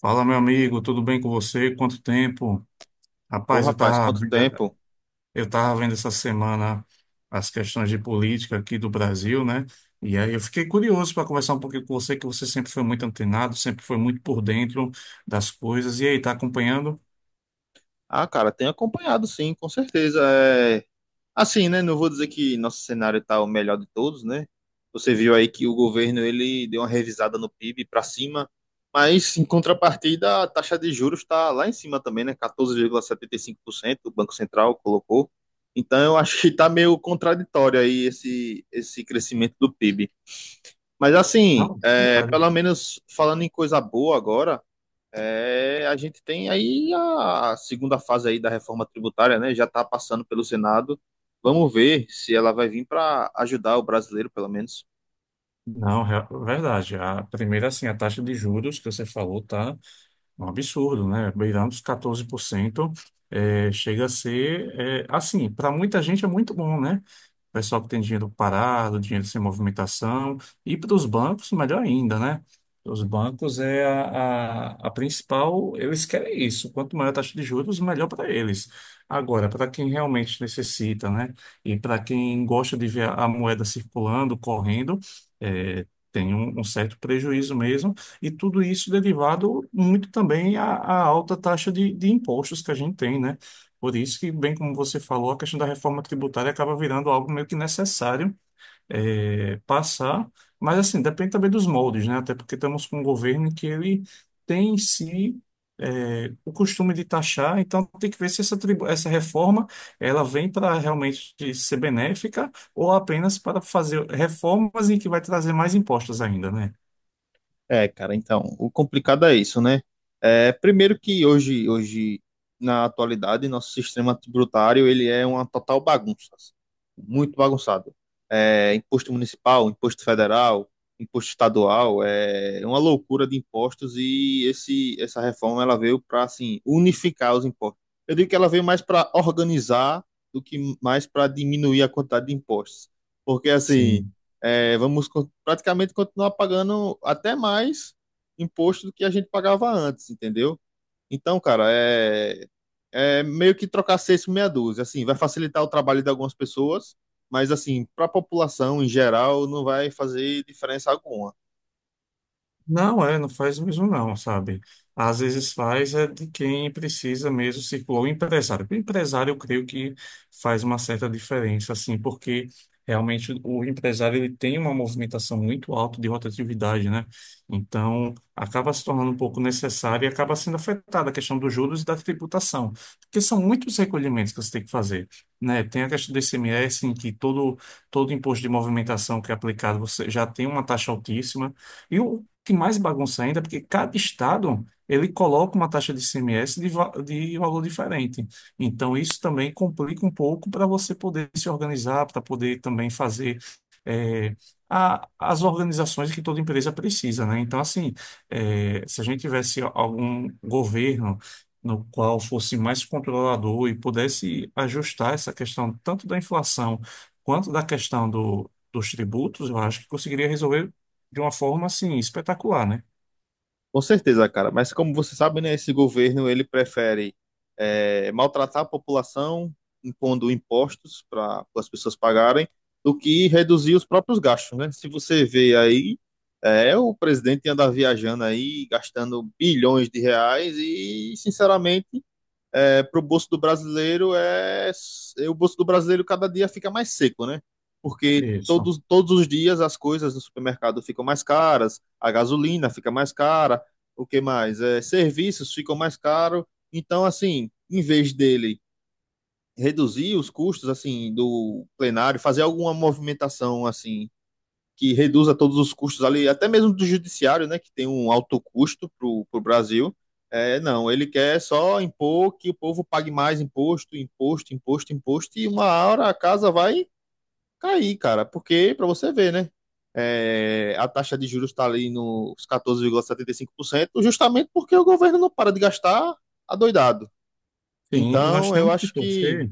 Fala, meu amigo, tudo bem com você? Quanto tempo? Ô, Rapaz, rapaz, quanto tempo? eu tava vendo essa semana as questões de política aqui do Brasil, né? E aí eu fiquei curioso para conversar um pouquinho com você, que você sempre foi muito antenado, sempre foi muito por dentro das coisas. E aí, tá acompanhando? Ah, cara, tenho acompanhado sim, com certeza. Assim, né? Não vou dizer que nosso cenário tá o melhor de todos, né? Você viu aí que o governo ele deu uma revisada no PIB para cima, mas em contrapartida a taxa de juros está lá em cima também, né? 14,75% o Banco Central colocou. Então eu acho que tá meio contraditório aí esse crescimento do PIB. Mas assim, Não, verdade. pelo menos falando em coisa boa agora, é, a gente tem aí a segunda fase aí da reforma tributária, né? Já está passando pelo Senado. Vamos ver se ela vai vir para ajudar o brasileiro, pelo menos. Não, verdade. A primeira, assim, a taxa de juros que você falou tá um absurdo, né? Beirando os 14%. É, chega a ser, é, assim, para muita gente é muito bom, né? Pessoal que tem dinheiro parado, dinheiro sem movimentação, e para os bancos, melhor ainda, né? Os bancos é a principal, eles querem isso. Quanto maior a taxa de juros, melhor para eles. Agora, para quem realmente necessita, né? E para quem gosta de ver a moeda circulando, correndo, é, tem um certo prejuízo mesmo. E tudo isso derivado muito também à alta taxa de impostos que a gente tem, né? Por isso que, bem como você falou, a questão da reforma tributária acaba virando algo meio que necessário passar, mas assim, depende também dos moldes, né? Até porque estamos com um governo que ele tem em si o costume de taxar, então tem que ver se essa reforma ela vem para realmente ser benéfica ou apenas para fazer reformas em que vai trazer mais impostos ainda, né? É, cara, então, o complicado é isso, né? É, primeiro que hoje, na atualidade, nosso sistema tributário, ele é uma total bagunça, muito bagunçado. É, imposto municipal, imposto federal, imposto estadual, é uma loucura de impostos e essa reforma, ela veio para, assim, unificar os impostos. Eu digo que ela veio mais para organizar do que mais para diminuir a quantidade de impostos. Porque, assim, Sim. é, praticamente continuar pagando até mais imposto do que a gente pagava antes, entendeu? Então, cara, é, é meio que trocar seis por meia dúzia. Assim, vai facilitar o trabalho de algumas pessoas, mas assim, para a população em geral, não vai fazer diferença alguma. Não, não faz mesmo não, sabe? Às vezes faz é de quem precisa mesmo circular, o empresário. O empresário, eu creio que faz uma certa diferença, assim, porque realmente o empresário ele tem uma movimentação muito alta de rotatividade, né? Então, acaba se tornando um pouco necessário e acaba sendo afetada a questão dos juros e da tributação, porque são muitos recolhimentos que você tem que fazer, né? Tem a questão do ICMS em que todo imposto de movimentação que é aplicado, você já tem uma taxa altíssima, e o que mais bagunça ainda, porque cada estado ele coloca uma taxa de ICMS de valor diferente. Então, isso também complica um pouco para você poder se organizar, para poder também fazer eh, as organizações que toda empresa precisa, né? Então, assim, se a gente tivesse algum governo no qual fosse mais controlador e pudesse ajustar essa questão tanto da inflação quanto da questão dos tributos, eu acho que conseguiria resolver de uma forma assim espetacular, né? Com certeza, cara. Mas como você sabe, né, esse governo ele prefere maltratar a população, impondo impostos para as pessoas pagarem, do que reduzir os próprios gastos, né? Se você vê aí, é o presidente anda viajando aí, gastando bilhões de reais e, sinceramente, para o bolso do brasileiro o bolso do brasileiro cada dia fica mais seco, né? Porque Isso. Todos os dias as coisas no supermercado ficam mais caras, a gasolina fica mais cara, o que mais? É, serviços ficam mais caros. Então, assim, em vez dele reduzir os custos assim do plenário, fazer alguma movimentação assim que reduza todos os custos ali, até mesmo do judiciário, né, que tem um alto custo para o Brasil. É, não, ele quer só impor que o povo pague mais imposto, imposto, imposto, imposto, e uma hora a casa vai cair, cara, porque, para você ver, né, é, a taxa de juros está ali nos 14,75%, justamente porque o governo não para de gastar adoidado. Sim, e nós Então, eu temos que acho que, torcer,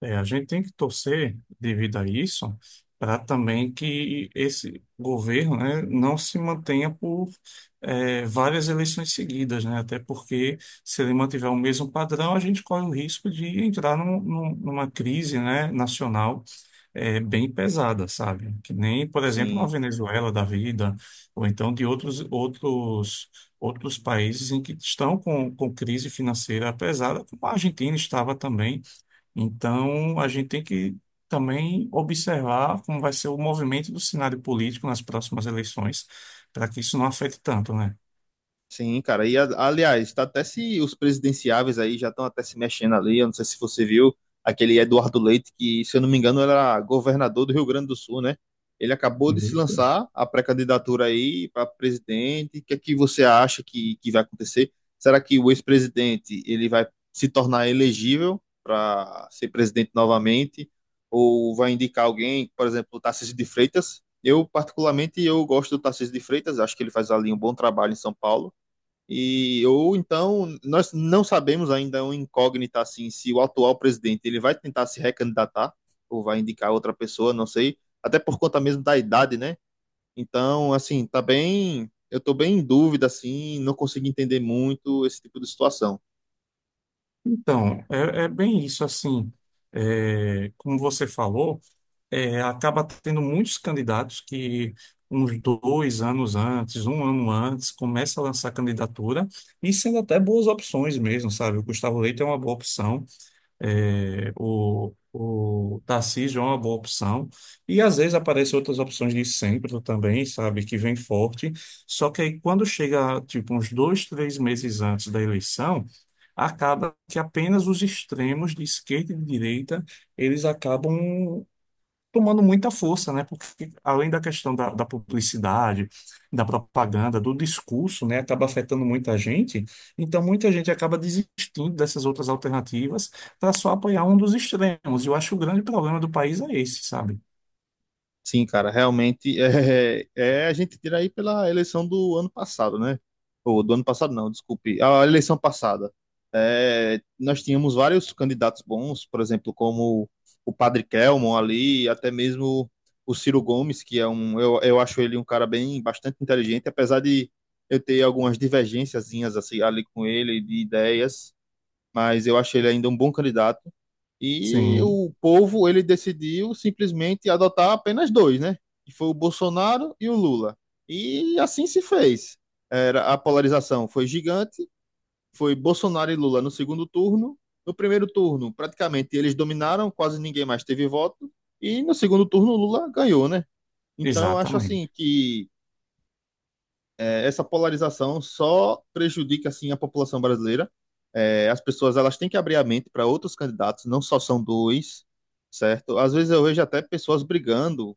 é, a gente tem que torcer devido a isso, para também que esse governo, né, não se mantenha por várias eleições seguidas, né? Até porque se ele mantiver o mesmo padrão, a gente corre o risco de entrar numa crise, né, nacional bem pesada, sabe? Que nem, por exemplo, uma sim, Venezuela da vida, ou então de outros países em que estão com crise financeira pesada, como a Argentina estava também. Então, a gente tem que também observar como vai ser o movimento do cenário político nas próximas eleições, para que isso não afete tanto, né? sim, cara. E aliás, tá até se os presidenciáveis aí já estão até se mexendo ali. Eu não sei se você viu aquele Eduardo Leite, que, se eu não me engano, era governador do Rio Grande do Sul, né? Ele acabou de se lançar a pré-candidatura aí para presidente. O que é que você acha que vai acontecer? Será que o ex-presidente ele vai se tornar elegível para ser presidente novamente? Ou vai indicar alguém, por exemplo, o Tarcísio de Freitas? Eu, particularmente, eu gosto do Tarcísio de Freitas, acho que ele faz ali um bom trabalho em São Paulo. E ou então nós não sabemos ainda, é uma incógnita assim, se o atual presidente ele vai tentar se recandidatar ou vai indicar outra pessoa, não sei, até por conta mesmo da idade, né? Então, assim, tá bem, eu tô bem em dúvida assim, não consigo entender muito esse tipo de situação. Então, é bem isso, assim, como você falou, acaba tendo muitos candidatos que uns dois anos antes, um ano antes, começa a lançar candidatura e sendo até boas opções mesmo, sabe? O Gustavo Leite é uma boa opção, é, o Tarcísio é uma boa opção e às vezes aparecem outras opções de centro também, sabe? Que vem forte. Só que aí quando chega, tipo, uns dois, três meses antes da eleição, acaba que apenas os extremos de esquerda e de direita eles acabam tomando muita força, né? Porque além da questão da publicidade, da propaganda, do discurso, né? Acaba afetando muita gente. Então, muita gente acaba desistindo dessas outras alternativas para só apoiar um dos extremos. E eu acho que o grande problema do país é esse, sabe? Sim, cara, realmente é, é a gente tira aí pela eleição do ano passado, né? Ou do ano passado não, desculpe, a eleição passada. É, nós tínhamos vários candidatos bons, por exemplo, como o Padre Kelmon ali, até mesmo o Ciro Gomes, que é um, eu acho ele um cara bem bastante inteligente, apesar de eu ter algumas divergênciazinhas assim ali com ele de ideias, mas eu acho ele ainda um bom candidato. E Sim, o povo, ele decidiu simplesmente adotar apenas dois, né? Que foi o Bolsonaro e o Lula. E assim se fez. Era, a polarização foi gigante, foi Bolsonaro e Lula no segundo turno. No primeiro turno, praticamente eles dominaram, quase ninguém mais teve voto. E no segundo turno, o Lula ganhou, né? Então, eu acho assim exatamente. que essa polarização só prejudica assim a população brasileira. É, as pessoas elas têm que abrir a mente para outros candidatos, não só são dois, certo? Às vezes eu vejo até pessoas brigando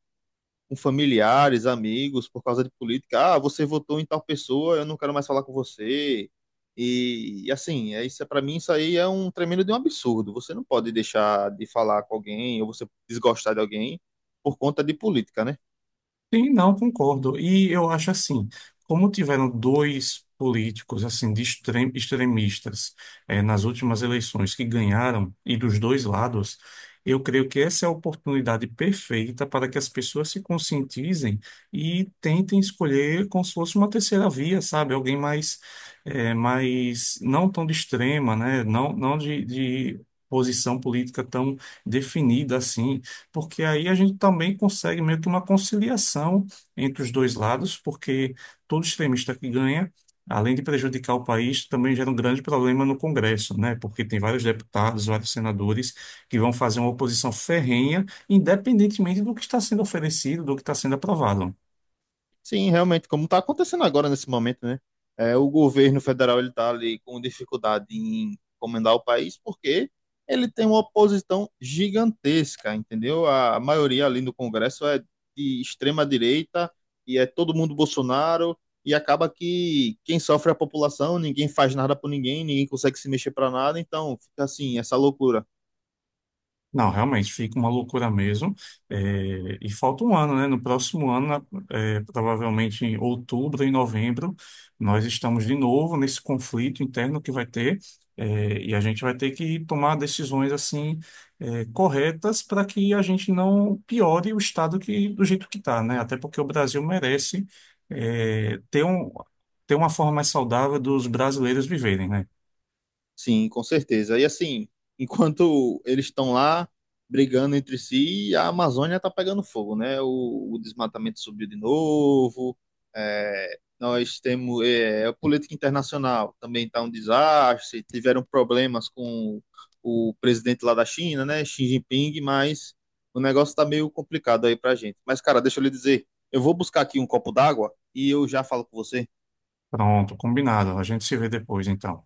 com familiares, amigos, por causa de política. Ah, você votou em tal pessoa, eu não quero mais falar com você. E assim, para mim isso aí é um tremendo de um absurdo. Você não pode deixar de falar com alguém ou você desgostar de alguém por conta de política, né? Sim, não concordo. E eu acho assim, como tiveram dois políticos assim de extremistas nas últimas eleições que ganharam e dos dois lados, eu creio que essa é a oportunidade perfeita para que as pessoas se conscientizem e tentem escolher como se fosse uma terceira via, sabe? Alguém mais não tão de extrema, né? Não, não de posição política tão definida assim porque aí a gente também consegue meio que uma conciliação entre os dois lados, porque todo extremista que ganha, além de prejudicar o país, também gera um grande problema no Congresso, né? Porque tem vários deputados, vários senadores que vão fazer uma oposição ferrenha, independentemente do que está sendo oferecido, do que está sendo aprovado. Sim, realmente, como está acontecendo agora nesse momento, né? É, o governo federal ele está ali com dificuldade em comandar o país porque ele tem uma oposição gigantesca, entendeu? A maioria ali no Congresso é de extrema direita e é todo mundo Bolsonaro e acaba que quem sofre é a população, ninguém faz nada por ninguém, ninguém consegue se mexer para nada, então fica assim, essa loucura. Não, realmente fica uma loucura mesmo. É, e falta um ano, né? No próximo ano, provavelmente em outubro e novembro, nós estamos de novo nesse conflito interno que vai ter, e a gente vai ter que tomar decisões assim, corretas para que a gente não piore o estado que, do jeito que está, né? Até porque o Brasil merece, é, ter um, ter uma forma mais saudável dos brasileiros viverem, né? Sim, com certeza. E assim, enquanto eles estão lá brigando entre si, a Amazônia está pegando fogo, né? O desmatamento subiu de novo. É, nós temos é, a política internacional também está um desastre. Tiveram problemas com o presidente lá da China, né? Xi Jinping, mas o negócio está meio complicado aí para gente. Mas, cara, deixa eu lhe dizer, eu vou buscar aqui um copo d'água e eu já falo com você. Pronto, combinado. A gente se vê depois, então.